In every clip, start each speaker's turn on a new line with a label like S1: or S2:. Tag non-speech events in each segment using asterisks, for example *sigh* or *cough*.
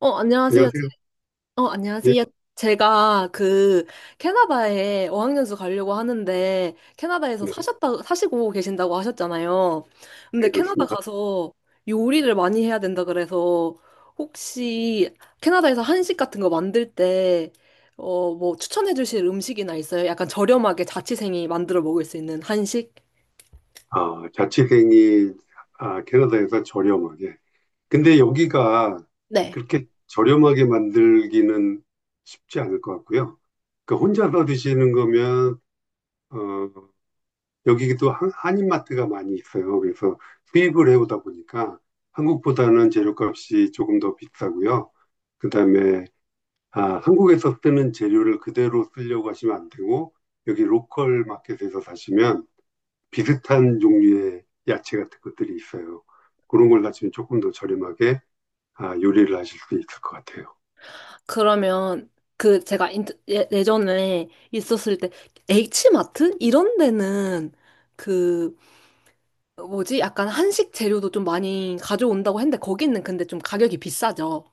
S1: 안녕하세요.
S2: 안녕하세요. 예,
S1: 안녕하세요. 제가 캐나다에 어학연수 가려고 하는데 캐나다에서
S2: 네,
S1: 사셨다 사시고 계신다고 하셨잖아요. 근데
S2: 네,
S1: 캐나다
S2: 그렇습니다.
S1: 가서 요리를 많이 해야 된다 그래서 혹시 캐나다에서 한식 같은 거 만들 때 뭐 추천해 주실 음식이나 있어요? 약간 저렴하게 자취생이 만들어 먹을 수 있는 한식?
S2: 자취생이 캐나다에서 저렴하게. 근데 여기가
S1: 네.
S2: 그렇게 저렴하게 만들기는 쉽지 않을 것 같고요. 그 혼자서 드시는 거면 어, 여기도 한인마트가 많이 있어요. 그래서 수입을 해오다 보니까 한국보다는 재료값이 조금 더 비싸고요. 그다음에 아, 한국에서 쓰는 재료를 그대로 쓰려고 하시면 안 되고 여기 로컬 마켓에서 사시면 비슷한 종류의 야채 같은 것들이 있어요. 그런 걸 하시면 조금 더 저렴하게 요리를 하실 수 있을 것 같아요.
S1: 그러면 제가 예, 예전에 있었을 때 H마트 이런 데는 그 뭐지 약간 한식 재료도 좀 많이 가져온다고 했는데 거기는 근데 좀 가격이 비싸죠.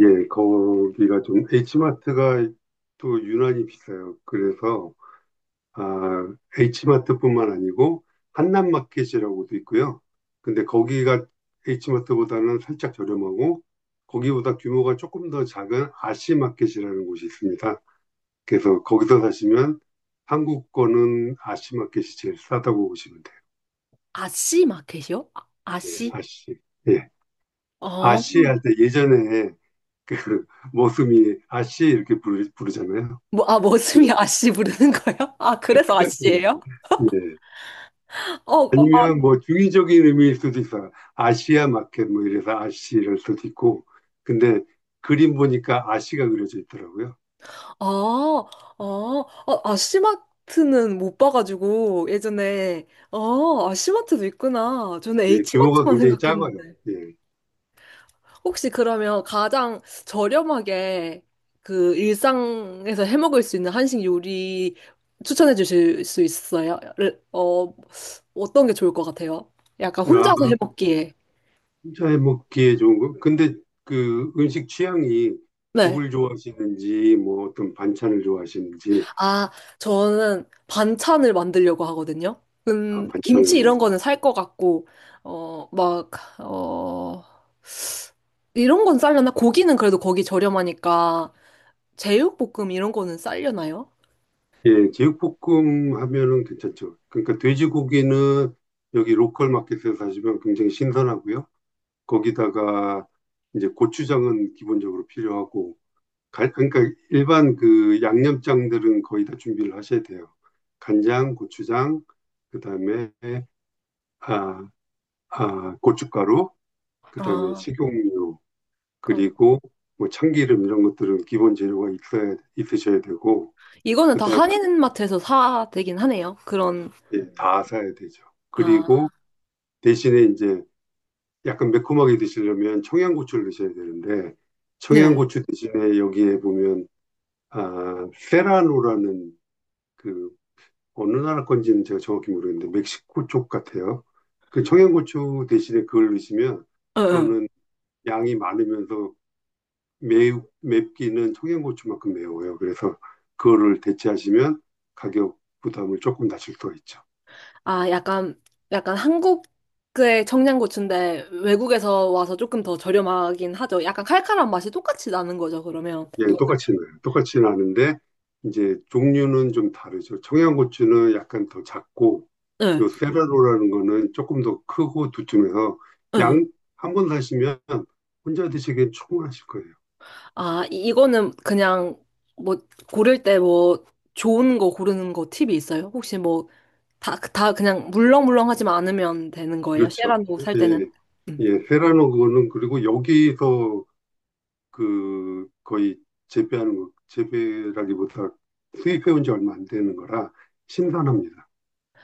S2: 예, 거기가 좀 H마트가 또 유난히 비싸요. 그래서 아, H마트뿐만 아니고 한남마켓이라고도 있고요. 근데 거기가 H마트보다는 살짝 저렴하고 거기보다 규모가 조금 더 작은 아시마켓이라는 곳이 있습니다. 그래서 거기서 사시면 한국 거는 아시마켓이 제일 싸다고 보시면 돼요.
S1: 아씨 마켓이요? 아,
S2: 예,
S1: 아씨?
S2: 아씨. 예.
S1: 어.
S2: 아씨 할 때 예전에 그 *laughs* 모습이 아씨 이렇게 부르잖아요.
S1: 뭐, 아, 머슴이
S2: 그,
S1: 아씨 부르는 거예요? 아, 그래서
S2: 예.
S1: 아씨예요?
S2: 예.
S1: 어, 어,
S2: 아니면 뭐 중의적인 의미일 수도 있어요. 아시아 마켓 뭐 이래서 아씨 이럴 수도 있고. 근데 그림 보니까 아씨가 그려져 있더라고요.
S1: 어, 아, 어, 아씨마트는 못 봐가지고 예전에 아씨마트도 있구나. 저는
S2: 예, 규모가
S1: H마트만
S2: 굉장히 작아요.
S1: 생각했는데.
S2: 예.
S1: 혹시 그러면 가장 저렴하게 일상에서 해 먹을 수 있는 한식 요리 추천해 주실 수 있어요? 어떤 게 좋을 것 같아요? 약간
S2: 아,
S1: 혼자서 해 먹기에.
S2: 혼 먹기에 좋은 거. 근데 그 음식 취향이
S1: 네.
S2: 국을 좋아하시는지 뭐 어떤 반찬을 좋아하시는지
S1: 아, 저는 반찬을 만들려고 하거든요.
S2: 반찬을
S1: 김치 이런 거는 살 것 같고, 막, 어, 이런 건 싸려나? 고기는 그래도 거기 저렴하니까, 제육볶음 이런 거는 싸려나요?
S2: 예, 제육볶음 하면은 괜찮죠. 그러니까 돼지고기는 여기 로컬 마켓에서 사시면 굉장히 신선하고요. 거기다가 이제 고추장은 기본적으로 필요하고, 그러니까 일반 그 양념장들은 거의 다 준비를 하셔야 돼요. 간장, 고추장, 그다음에 아, 고춧가루, 그다음에
S1: 아,
S2: 식용유,
S1: 그러니까
S2: 그리고 뭐 참기름 이런 것들은 기본 재료가 있어야 있으셔야 되고,
S1: 이거는 다
S2: 그다음에
S1: 한인마트에서 사 되긴 하네요. 그런,
S2: 예, 다 사야 되죠. 그리고
S1: 아,
S2: 대신에 이제 약간 매콤하게 드시려면 청양고추를 드셔야 되는데
S1: 네.
S2: 청양고추 대신에 여기에 보면 세라노라는 그 어느 나라 건지는 제가 정확히 모르겠는데 멕시코 쪽 같아요. 그 청양고추 대신에 그걸 넣으시면
S1: 응, 응.
S2: 그거는 양이 많으면서 매우 맵기는 청양고추만큼 매워요. 그래서 그거를 대체하시면 가격 부담을 조금 낮출 수가 있죠.
S1: 아, 약간 한국의 청양고추인데 외국에서 와서 조금 더 저렴하긴 하죠. 약간 칼칼한 맛이 똑같이 나는 거죠, 그러면.
S2: 예,
S1: 이거,
S2: 똑같이 나요. 똑같이 나는데 이제 종류는 좀 다르죠. 청양고추는 약간 더 작고
S1: 응,
S2: 요 세라로라는 거는 조금 더 크고 두툼해서
S1: 응.
S2: 양 한 번 사시면 혼자 드시기엔 충분하실 거예요.
S1: 아, 이거는 그냥 뭐 고를 때 뭐 좋은 거 고르는 거 팁이 있어요? 혹시 뭐 다 그냥 물렁물렁하지만 않으면 되는 거예요?
S2: 그렇죠.
S1: 쉐란도 살 때는?
S2: 예,
S1: 음.
S2: 예, 세라노 그거는 그리고 여기서 그 거의 재배하는 거, 재배라기보다 수입해온 지 얼마 안 되는 거라 신선합니다.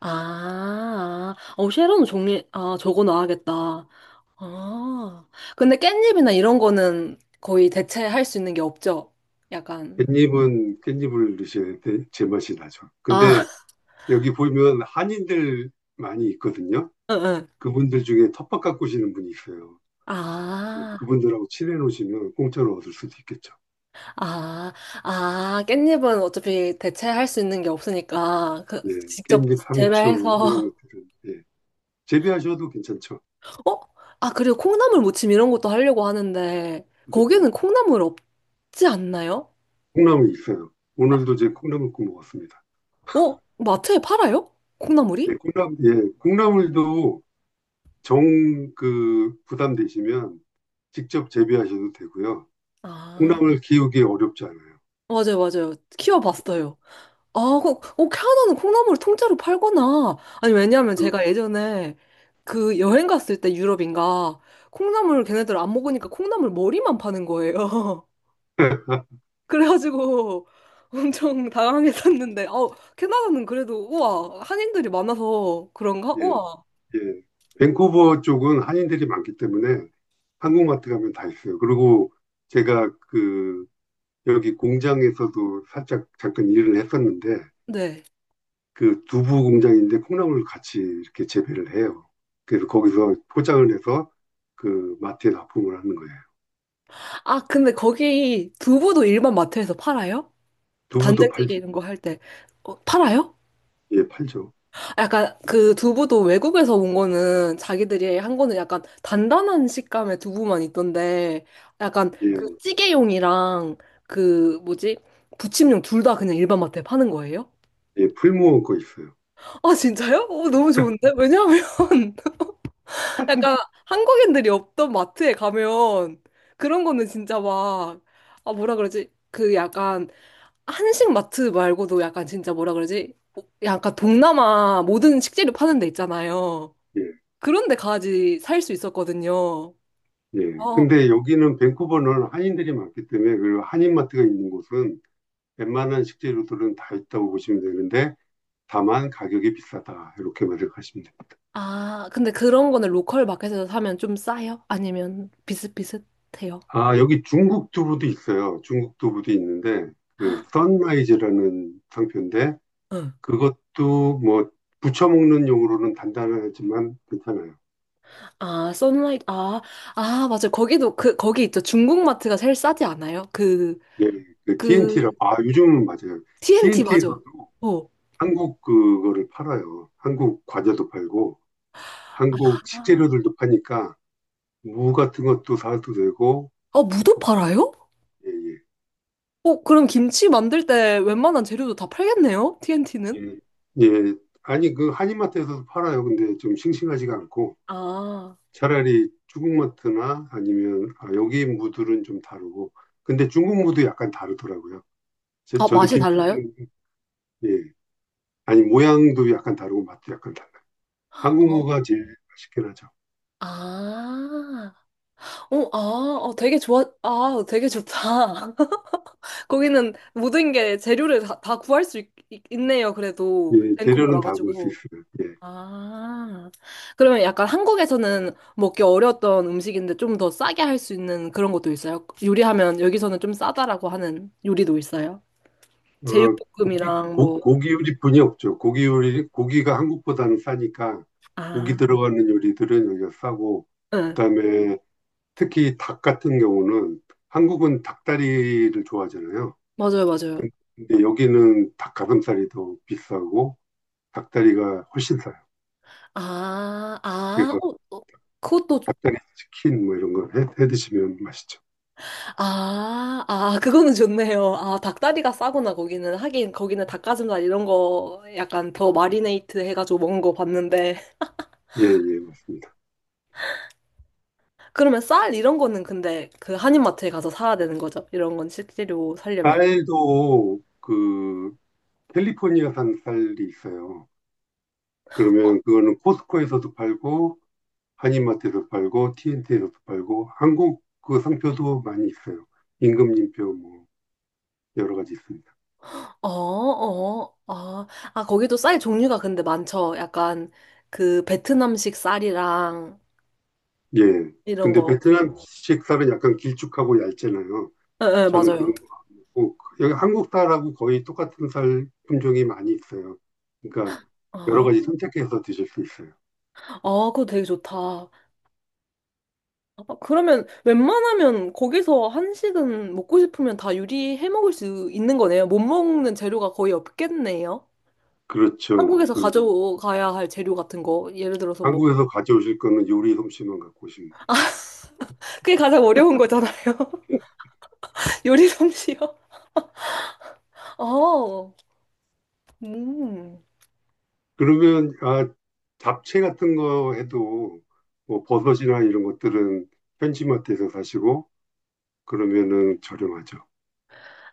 S1: 아, 아. 쉐론 종류, 아, 저거 놔야겠다. 아, 근데 깻잎이나 이런 거는 거의 대체할 수 있는 게 없죠? 약간.
S2: 깻잎은 깻잎을 넣으셔야 돼, 제맛이 나죠.
S1: 아,
S2: 근데
S1: *laughs*
S2: 여기 보면 한인들 많이 있거든요.
S1: 응, 응.
S2: 그분들 중에 텃밭 가꾸시는 분이 있어요.
S1: 아,
S2: 그분들하고 친해 놓으시면 공짜로 얻을 수도 있겠죠.
S1: 아, 아, 깻잎은 어차피 대체할 수 있는 게 없으니까,
S2: 예,
S1: 직접
S2: 깻잎, 상추 이런
S1: 재배해서,
S2: 것들은 예, 재배하셔도 괜찮죠.
S1: *laughs* 어? 아, 그리고 콩나물 무침 이런 것도 하려고 하는데,
S2: 네,
S1: 거기는 콩나물 없지 않나요?
S2: 콩나물 있어요.
S1: 아,
S2: 오늘도 제 콩나물 구워 먹었습니다.
S1: 어? 마트에 팔아요?
S2: 예,
S1: 콩나물이?
S2: 콩나물, 예, 콩나물도 정 그 부담되시면 직접 재배하셔도 되고요.
S1: 아.
S2: 콩나물 키우기 어렵지 않아요.
S1: 맞아요, 맞아요. 키워봤어요. 아, 캐나다는 콩나물을 통째로 팔구나. 아니, 왜냐면
S2: 그,
S1: 제가 예전에 여행 갔을 때 유럽인가 콩나물 걔네들 안 먹으니까 콩나물 머리만 파는 거예요. *laughs*
S2: *laughs*
S1: 그래가지고 엄청 당황했었는데, 캐나다는 그래도 우와, 한인들이 많아서 그런가?
S2: 예,
S1: 우와.
S2: 예. 밴쿠버 쪽은 한인들이 많기 때문에 한국마트 가면 다 있어요. 그리고 제가 그 여기 공장에서도 살짝 잠깐 일을 했었는데
S1: 네.
S2: 그 두부 공장인데 콩나물 같이 이렇게 재배를 해요. 그래서 거기서 포장을 해서 그 마트에 납품을 하는 거예요.
S1: 아, 근데 거기 두부도 일반 마트에서 팔아요?
S2: 두부도
S1: 단장찌개
S2: 팔죠.
S1: 이런 거 할 때. 팔아요?
S2: 예, 팔죠.
S1: 약간 그 두부도 외국에서 온 거는 자기들이 한 거는 약간 단단한 식감의 두부만 있던데 약간
S2: 예,
S1: 그 찌개용이랑 그 뭐지? 부침용 둘 다 그냥 일반 마트에 파는 거예요?
S2: 예, 풀무원 거 있어요.
S1: 아 진짜요? 너무 좋은데? 왜냐하면 *laughs* 약간 한국인들이 없던 마트에 가면 그런 거는 진짜 막 아 뭐라 그러지? 그 약간 한식 마트 말고도 약간 진짜 뭐라 그러지? 뭐 약간 동남아 모든 식재료 파는 데 있잖아요.
S2: 예,
S1: 그런데 가지 살 수 있었거든요.
S2: 예.
S1: 어,
S2: 근데 여기는 밴쿠버는 한인들이 많기 때문에 그 한인마트가 있는 곳은 웬만한 식재료들은 다 있다고 보시면 되는데 다만 가격이 비싸다. 이렇게 말을 하시면 됩니다.
S1: 아, 근데 그런 거는 로컬 마켓에서 사면 좀 싸요? 아니면 비슷비슷해요?
S2: 여기 중국 두부도 있어요. 중국 두부도 있는데, 그, 선라이즈라는 상표인데,
S1: 응.
S2: 그것도 뭐, 부쳐 먹는 용으로는 단단하지만 괜찮아요.
S1: 아, 선라이트, 아, 맞아요. 거기도, 거기 있죠. 중국 마트가 제일 싸지 않아요?
S2: 예, 그 TNT라고,
S1: 그,
S2: 요즘은 맞아요.
S1: TNT, 맞아.
S2: TNT에서도
S1: 어.
S2: 한국 그거를 팔아요. 한국 과자도 팔고, 한국
S1: 아.
S2: 식재료들도 파니까, 무 같은 것도 사도 되고,
S1: 아, 무도 팔아요?
S2: 예, 예.
S1: 그럼 김치 만들 때 웬만한 재료도 다 팔겠네요? TNT는?
S2: 예, 예. 아니, 그 한인마트에서도 팔아요. 근데 좀 싱싱하지가 않고
S1: 아,
S2: 차라리 중국마트나 아니면 여기 무들은 좀 다르고 근데 중국 무도 약간 다르더라고요.
S1: 아,
S2: 저도
S1: 맛이
S2: 김치
S1: 달라요?
S2: 예. 아니 모양도 약간 다르고 맛도 약간 달라요. 한국
S1: 어.
S2: 무가 제일 맛있긴 하죠.
S1: 아. 되게 좋아, 되게 좋다. *laughs* 거기는 모든 게 재료를 다 구할 수 있, 네요 그래도
S2: 예, 재료는
S1: 밴쿠버라
S2: 다 볼 수
S1: 가지고.
S2: 있어요. 예.
S1: 아, 그러면 약간 한국에서는 먹기 어려웠던 음식인데 좀 더 싸게 할 수 있는 그런 것도 있어요? 요리하면 여기서는 좀 싸다라고 하는 요리도 있어요?
S2: 어,
S1: 제육볶음이랑 뭐,
S2: 고기 요리뿐이 없죠. 고기 요리 고기가 한국보다는 싸니까
S1: 아,
S2: 고기 들어가는 요리들은 여기가 싸고
S1: 응,
S2: 그다음에 특히 닭 같은 경우는 한국은 닭다리를 좋아하잖아요.
S1: 맞아요, 맞아요.
S2: 근데 여기는 닭 가슴살이 더 비싸고 닭다리가 훨씬 싸요.
S1: 아, 아,
S2: 그래서
S1: 어, 어, 그것도
S2: 닭다리 치킨 뭐 이런 거 해 드시면 맛있죠.
S1: 아, 아, 그거는 좋네요. 아, 닭다리가 싸구나, 거기는. 하긴, 거기는 닭가슴살 이런 거 약간 더 마리네이트 해가지고 먹은 거 봤는데.
S2: 예, 예, 맞습니다.
S1: *laughs* 그러면 쌀 이런 거는 근데 그 한인마트에 가서 사야 되는 거죠? 이런 건 실제로 사려면.
S2: 쌀도 그 캘리포니아산 쌀이 있어요. 그러면 그거는 코스코에서도 팔고 한인마트에서 팔고 TNT에서도 팔고 한국 그 상표도 많이 있어요. 임금님표 뭐 여러 가지 있습니다.
S1: 어, 어, 아, 거기도 쌀 종류가 근데 많죠. 약간 그 베트남식 쌀이랑
S2: 예.
S1: 이런
S2: 근데
S1: 거.
S2: 베트남식 살은 약간 길쭉하고 얇잖아요.
S1: 예, 예,
S2: 저는
S1: 맞아요.
S2: 그런 거 안 먹고 여기 한국 쌀하고 거의 똑같은 쌀 품종이 많이 있어요. 그러니까 여러
S1: 아,
S2: 가지 선택해서 드실 수 있어요.
S1: 아, 그거 되게 좋다. 아, 그러면 웬만하면 거기서 한식은 먹고 싶으면 다 요리해 먹을 수 있는 거네요. 못 먹는 재료가 거의 없겠네요.
S2: 그렇죠.
S1: 한국에서
S2: 그
S1: 가져가야 할 재료 같은 거. 예를 들어서 뭐.
S2: 한국에서 가져오실 거는 요리 솜씨만 갖고 오시면 됩니다.
S1: 그게 가장 어려운 거잖아요. *laughs* 요리 솜씨요. 어, 음.
S2: 그러면 아 잡채 같은 거 해도 뭐 버섯이나 이런 것들은 현지마트에서 사시고 그러면은 저렴하죠.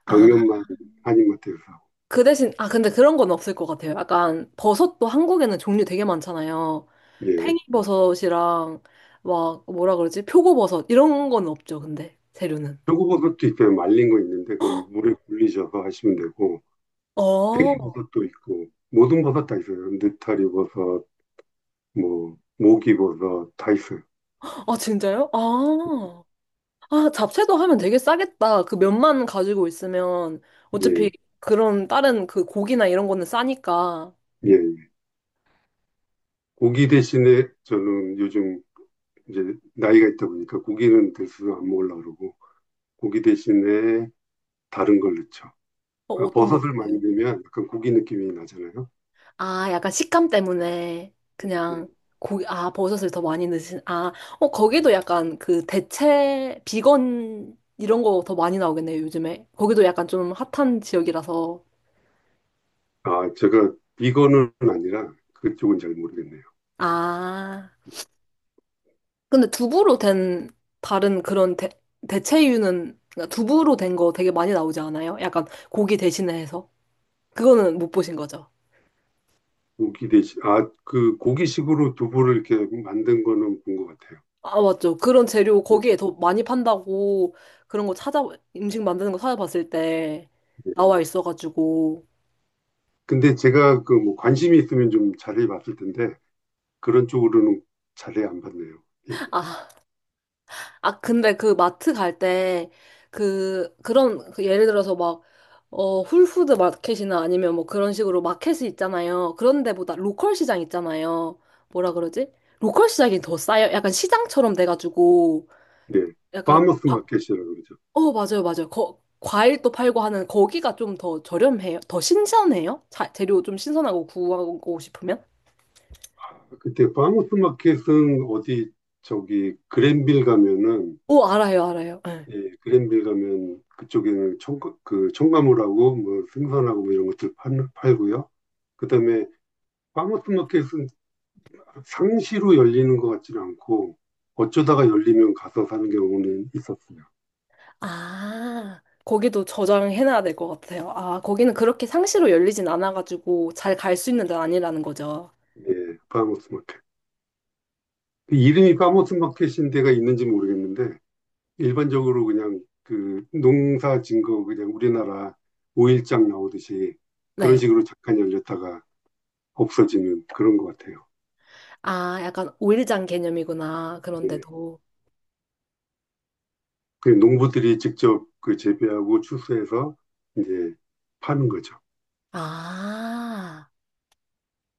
S1: 아,
S2: 당면만 한인마트에서 사고.
S1: 그 대신, 근데 그런 건 없을 것 같아요. 약간 버섯도 한국에는 종류 되게 많잖아요.
S2: 예.
S1: 팽이버섯이랑 막 뭐라 그러지? 표고버섯 이런 건 없죠, 근데 재료는.
S2: 표고버섯도 있어요. 말린 거 있는데 그 물에 굴리셔서 하시면 되고
S1: 어,
S2: 버섯도 있고 모든 버섯 다 있어요. 느타리 버섯, 뭐 모기 버섯 다 있어요.
S1: 아, 진짜요? 아, 아, 잡채도 하면 되게 싸겠다. 그 면만 가지고 있으면 어차피
S2: 예,
S1: 그런 다른 그 고기나 이런 거는 싸니까.
S2: 예. 예. 고기 대신에 저는 요즘 이제 나이가 있다 보니까 고기는 대수로 안 먹으려고 그러고 고기 대신에 다른 걸 넣죠.
S1: 어떤 거
S2: 버섯을 많이
S1: 드세요?
S2: 넣으면 약간 고기 느낌이 나잖아요.
S1: 아, 약간 식감 때문에
S2: 예.
S1: 그냥 고기, 버섯을 더 많이 넣으신, 거기도 약간 그 대체, 비건 이런 거 더 많이 나오겠네요, 요즘에. 거기도 약간 좀 핫한 지역이라서.
S2: 제가 비건은 아니라 그쪽은 잘 모르겠네요.
S1: 아. 근데 두부로 된 다른 그런 대, 대체류는 그러니까 두부로 된 거 되게 많이 나오지 않아요? 약간 고기 대신에 해서 그거는 못 보신 거죠?
S2: 그 고기식으로 두부를 이렇게 만든 거는 본 것 같아요.
S1: 아 맞죠. 그런 재료
S2: 예,
S1: 거기에 더 많이 판다고 그런 거 찾아 음식 만드는 거 찾아봤을 때
S2: 예.
S1: 나와 있어가지고
S2: 근데 제가 그 뭐 관심이 있으면 좀 자세히 봤을 텐데, 그런 쪽으로는 자세히 안 봤네요. 예,
S1: 아 아, 근데 그 마트 갈 때, 그런, 예를 들어서 막, 홀푸드 마켓이나 아니면 뭐 그런 식으로 마켓이 있잖아요. 그런 데보다 로컬 시장 있잖아요. 뭐라 그러지? 로컬 시장이 더 싸요. 약간 시장처럼 돼가지고,
S2: 예.
S1: 약간,
S2: 파머스 마켓이라고 그러죠.
S1: 어, 맞아요, 맞아요. 거, 과일도 팔고 하는 거기가 좀 더 저렴해요. 더 신선해요? 자, 재료 좀 신선하고 구하고 싶으면?
S2: 그때 파머스 마켓은 어디, 저기, 그랜빌 가면은,
S1: 오, 알아요, 알아요. 예.
S2: 예, 그랜빌 가면 그쪽에는 청, 그 청가물하고 뭐 생선하고 뭐 이런 것들 팔고요. 그 다음에 파머스 마켓은 상시로 열리는 것 같지는 않고 어쩌다가 열리면 가서 사는 경우는 있었어요.
S1: 아, 거기도 저장해놔야 될 것 같아요. 아, 거기는 그렇게 상시로 열리진 않아가지고 잘 갈 수 있는 데는 아니라는 거죠.
S2: 예, 파모스 마켓. 그 이름이 파모스 마켓인 데가 있는지 모르겠는데 일반적으로 그냥 그 농사 진거 그냥 우리나라 오일장 나오듯이 그런
S1: 네.
S2: 식으로 잠깐 열렸다가 없어지는 그런 것 같아요.
S1: 아, 약간 오일장 개념이구나.
S2: 예.
S1: 그런데도.
S2: 그 농부들이 직접 그 재배하고 추수해서 이제 파는 거죠.
S1: 아.